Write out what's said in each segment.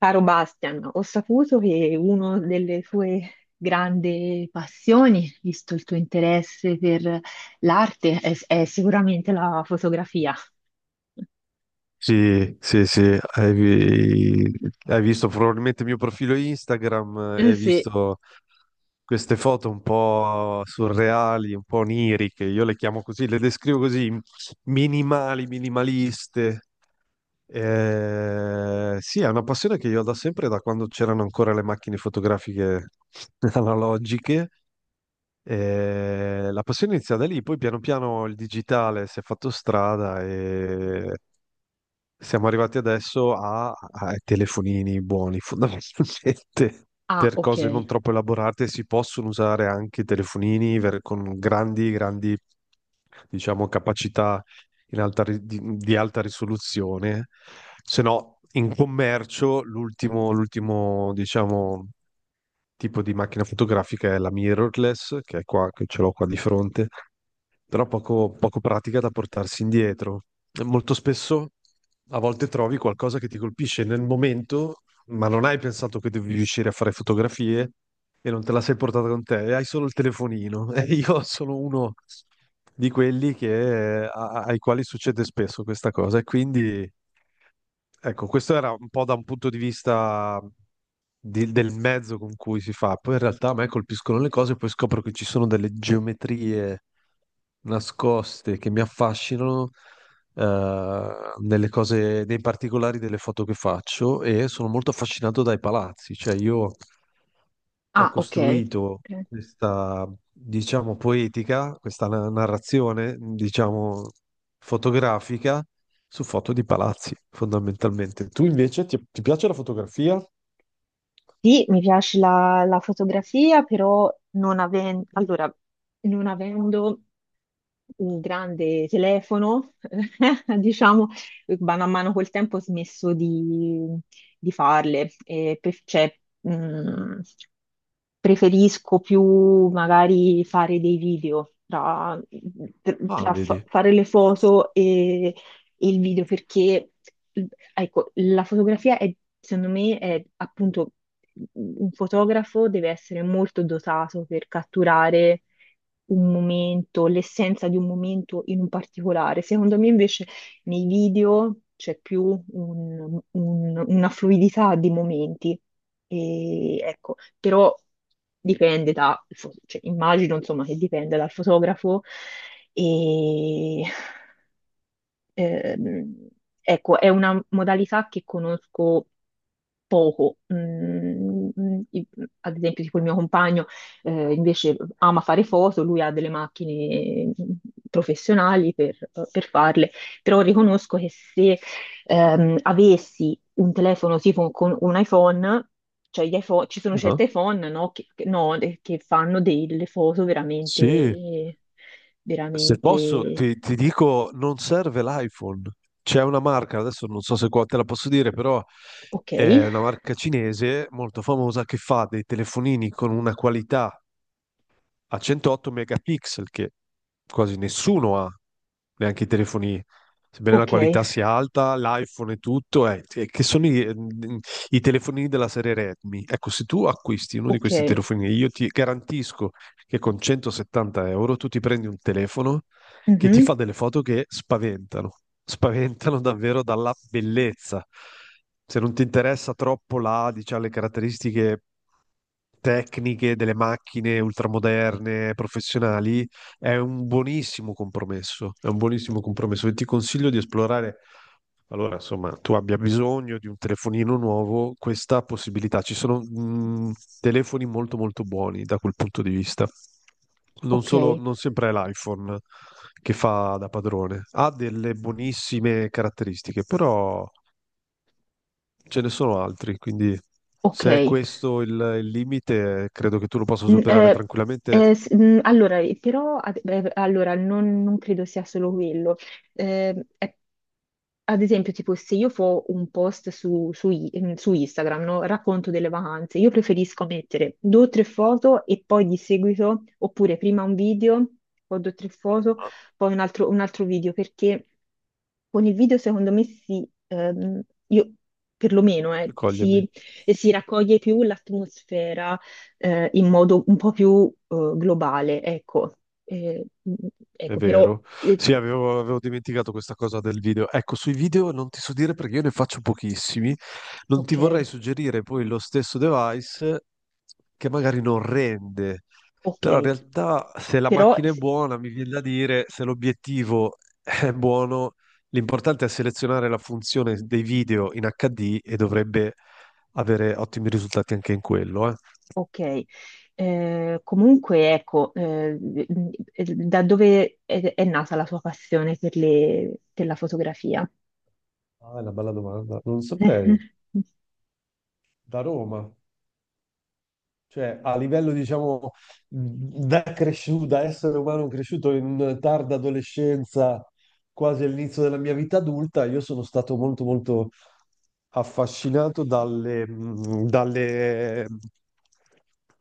Caro Bastian, ho saputo che una delle tue grandi passioni, visto il tuo interesse per l'arte, è sicuramente la fotografia. Sì, sì, sì, hai visto probabilmente il mio profilo Instagram, Eh hai sì. visto queste foto un po' surreali, un po' oniriche, io le chiamo così, le descrivo così, minimali, minimaliste, sì, è una passione che io ho da sempre, da quando c'erano ancora le macchine fotografiche analogiche. La passione inizia da lì, poi piano piano il digitale si è fatto strada e siamo arrivati adesso ai telefonini buoni, fondamentalmente. Ah, Per ok. cose non troppo elaborate si possono usare anche i telefonini con grandi, grandi, diciamo, capacità di alta risoluzione, se no in commercio l'ultimo, diciamo, tipo di macchina fotografica è la mirrorless, che è qua, che ce l'ho qua di fronte, però poco, poco pratica da portarsi indietro. E molto spesso a volte trovi qualcosa che ti colpisce nel momento, ma non hai pensato che devi riuscire a fare fotografie e non te la sei portata con te, e hai solo il telefonino. E io sono uno di quelli ai quali succede spesso questa cosa, e quindi. Ecco, questo era un po' da un punto di vista del mezzo con cui si fa. Poi in realtà a me colpiscono le cose, e poi scopro che ci sono delle geometrie nascoste che mi affascinano nelle cose, nei particolari delle foto che faccio e sono molto affascinato dai palazzi. Cioè io ho Ah, ok. costruito Ok. questa, diciamo, poetica, questa narrazione, diciamo, fotografica su foto di palazzi, fondamentalmente. Tu invece ti piace la fotografia? Sì, mi piace la fotografia, però non aven- allora, non avendo un grande telefono, diciamo, mano a mano col tempo ho smesso di farle. Cioè, mh, preferisco più magari fare dei video Ah, vedi. fare le foto il video perché, ecco, la fotografia è, secondo me, è appunto un fotografo deve essere molto dotato per catturare un momento, l'essenza di un momento in un particolare. Secondo me invece nei video c'è più una fluidità di momenti. E, ecco, però dipende da, cioè, immagino insomma che dipende dal fotografo e Ehm, ecco, è una modalità che conosco poco. Mm, mm, ad esempio, tipo il mio compagno invece ama fare foto, lui ha delle macchine professionali per farle, però riconosco che se avessi un telefono tipo con un iPhone, cioè gli iPhone, ci sono Ah, certi iPhone, no, che fanno delle foto sì, veramente, se posso veramente ti dico, non serve l'iPhone. C'è una marca, adesso non so se qua te la posso dire, però ok. è una marca cinese molto famosa che fa dei telefonini con una qualità a 108 megapixel che quasi nessuno ha, neanche i telefoni, sebbene la Okay, qualità sia alta, l'iPhone e tutto, che sono i telefonini della serie Redmi. Ecco, se tu acquisti uno di questi okay. telefonini, io ti garantisco che con 170 euro tu ti prendi un telefono che ti Mh-mh. fa delle foto che spaventano, spaventano davvero dalla bellezza. Se non ti interessa troppo diciamo, le caratteristiche tecniche delle macchine ultramoderne, professionali, è un buonissimo compromesso, è un buonissimo compromesso e ti consiglio di esplorare allora, insomma, tu abbia bisogno di un telefonino nuovo, questa possibilità. Ci sono telefoni molto molto buoni da quel punto di vista. Non solo, Okay, non sempre è l'iPhone che fa da padrone. Ha delle buonissime caratteristiche, però ce ne sono altri, quindi se è okay. questo il limite, credo che tu lo possa Mm, superare tranquillamente. S- mm, allora, però, ad- Allora, non credo sia solo quello. Eh, è- Ad esempio, tipo, se io fo un post su Instagram, no? Racconto delle vacanze, io preferisco mettere due o tre foto e poi di seguito, oppure prima un video, poi due o tre foto, Ah, poi un altro video, perché con il video, secondo me, io perlomeno, cogliermi. si, si raccoglie più l'atmosfera in modo un po' più globale, ecco. Eh, mh, È ecco, però, vero. eh, Sì, avevo dimenticato questa cosa del video. Ecco, sui video non ti so dire perché io ne faccio pochissimi. Non ti vorrei ok, suggerire poi lo stesso device che magari non rende, però in ok, realtà se la però, macchina è buona, mi viene da dire, se l'obiettivo è buono, l'importante è selezionare la funzione dei video in HD e dovrebbe avere ottimi risultati anche in quello, eh. ok. Comunque, ecco, da dove è nata la tua passione per per la fotografia? Ah, è una bella domanda. Non saprei. Da Roma. Cioè, a livello, diciamo, da cresciuto, da essere umano cresciuto in tarda adolescenza, quasi all'inizio della mia vita adulta, io sono stato molto, molto affascinato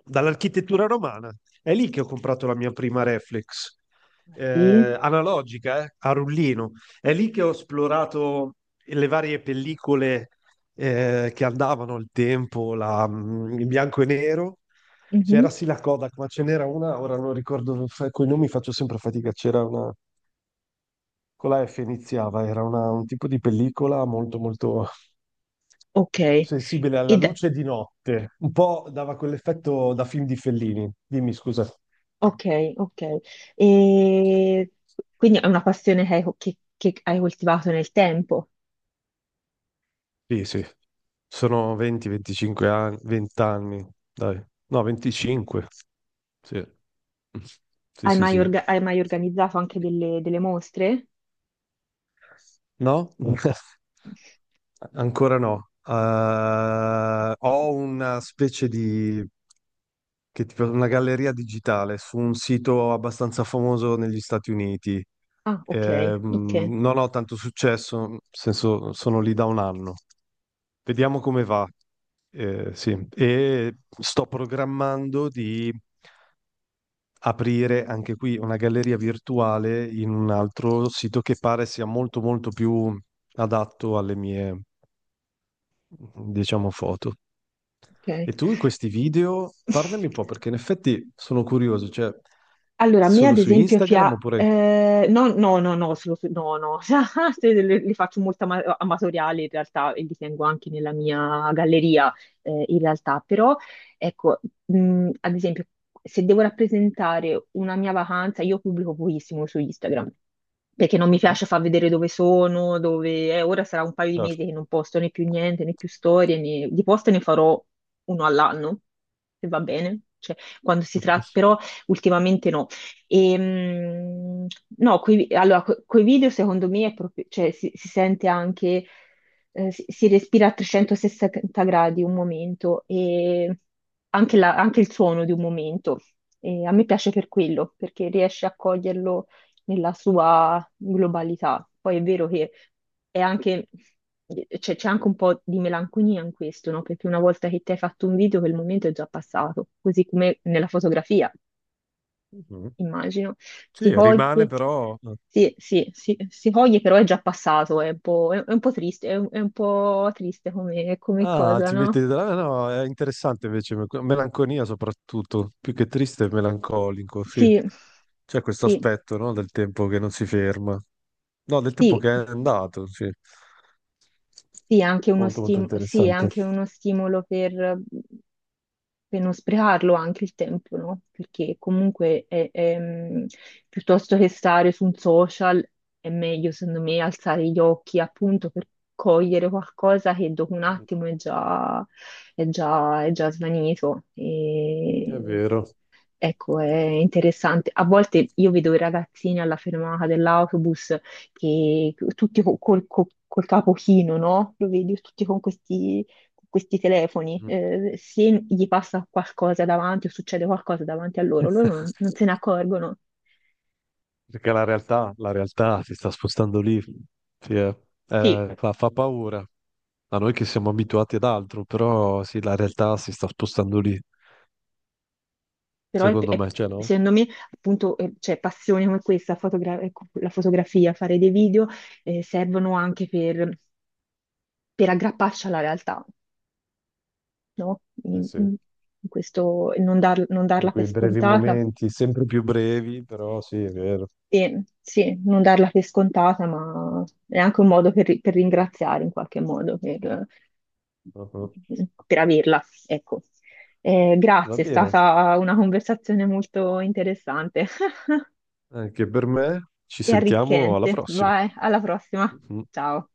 dall'architettura romana. È lì che ho comprato la mia prima reflex, Ah, sì. Analogica, a rullino. È lì che ho esplorato le varie pellicole che andavano al tempo, in bianco e nero. Mhm. C'era sì la Kodak, ma ce n'era una, ora non ricordo, con i nomi faccio sempre fatica, c'era una, con la F iniziava, un tipo di pellicola molto molto Ok, sensibile e alla da- luce di notte, un po' dava quell'effetto da film di Fellini. Dimmi, scusa. ok, ok. E quindi è una passione che hai, che hai coltivato nel tempo. Sì, sì, sono 20-25 anni, 20 anni, dai. No, 25, sì. Sì, Hai sì, mai, sì. Hai mai organizzato anche delle mostre? No? Ancora no. Ho una specie di una galleria digitale su un sito abbastanza famoso negli Stati Uniti. Ah, ok, ok, Non ho tanto successo, nel senso sono lì da un anno. Vediamo come va. Sì. E sto programmando di aprire anche qui una galleria virtuale in un altro sito che pare sia molto molto più adatto alle mie diciamo, foto. ok. E tu in questi video, parlami un po', perché in effetti sono curioso, cioè, Allora, a me solo ad su esempio Instagram pia... oppure... no, no, se le faccio molto amatoriali in realtà e li tengo anche nella mia galleria in realtà, però ecco, ad esempio, se devo rappresentare una mia vacanza, io pubblico pochissimo su Instagram, perché non mi Mhm, piace far vedere dove sono, dove... ora sarà un paio di mesi certo. che non posto né più niente, né più storie, né... di post ne farò uno all'anno, se va bene, cioè quando si tratta però... Ultimamente no, e, mh, no, coi video secondo me è proprio, cioè, si sente anche, si respira a 360 gradi un momento e anche il suono di un momento. E a me piace per quello, perché riesce a coglierlo nella sua globalità. Poi è vero che è anche, c'è anche un po' di melanconia in questo, no? Perché una volta che ti hai fatto un video, quel momento è già passato, così come nella fotografia Mhm. immagino. Si Sì, rimane coglie, però... sì, sì, sì, si coglie, però è già passato, è un po', è un po' triste, è un po' triste come, come Ah, cosa, ti metti... no? ah, no, è interessante invece, melanconia soprattutto, più che triste è melancolico, sì. Sì, C'è questo sì, aspetto, no, del tempo che non si ferma. No, del tempo sì. che è andato, sì. Sì, è anche Molto, molto sì, è interessante. anche uno stimolo per non sprecarlo anche il tempo, no? Perché comunque è, piuttosto che stare su un social è meglio, secondo me, alzare gli occhi appunto per cogliere qualcosa che dopo un Mm, attimo è già svanito. è E... vero. Ecco, è interessante. A volte io vedo i ragazzini alla fermata dell'autobus che tutti col capo chino, no? Lo vedi tutti con questi telefoni. Mm. Se gli passa qualcosa davanti o succede qualcosa davanti a loro, non se ne accorgono. Perché la realtà si sta spostando lì, sì, eh. Sì, Fa paura a noi che siamo abituati ad altro, però sì, la realtà si sta spostando lì, però secondo me, cioè no? secondo me, appunto, cioè, passioni come questa, ecco, la fotografia, fare dei video, servono anche per aggrapparci alla realtà. No? Sì, sì. In questo, non In darla per quei brevi scontata. momenti, sempre più brevi, però sì, è vero. E sì, non darla per scontata, ma è anche un modo per ringraziare in qualche modo Uh-huh. per averla. Ecco. Va Grazie, è bene, stata una conversazione molto interessante anche per me, ci e sentiamo alla arricchente. prossima. Vai, alla prossima. Mhm. Ciao.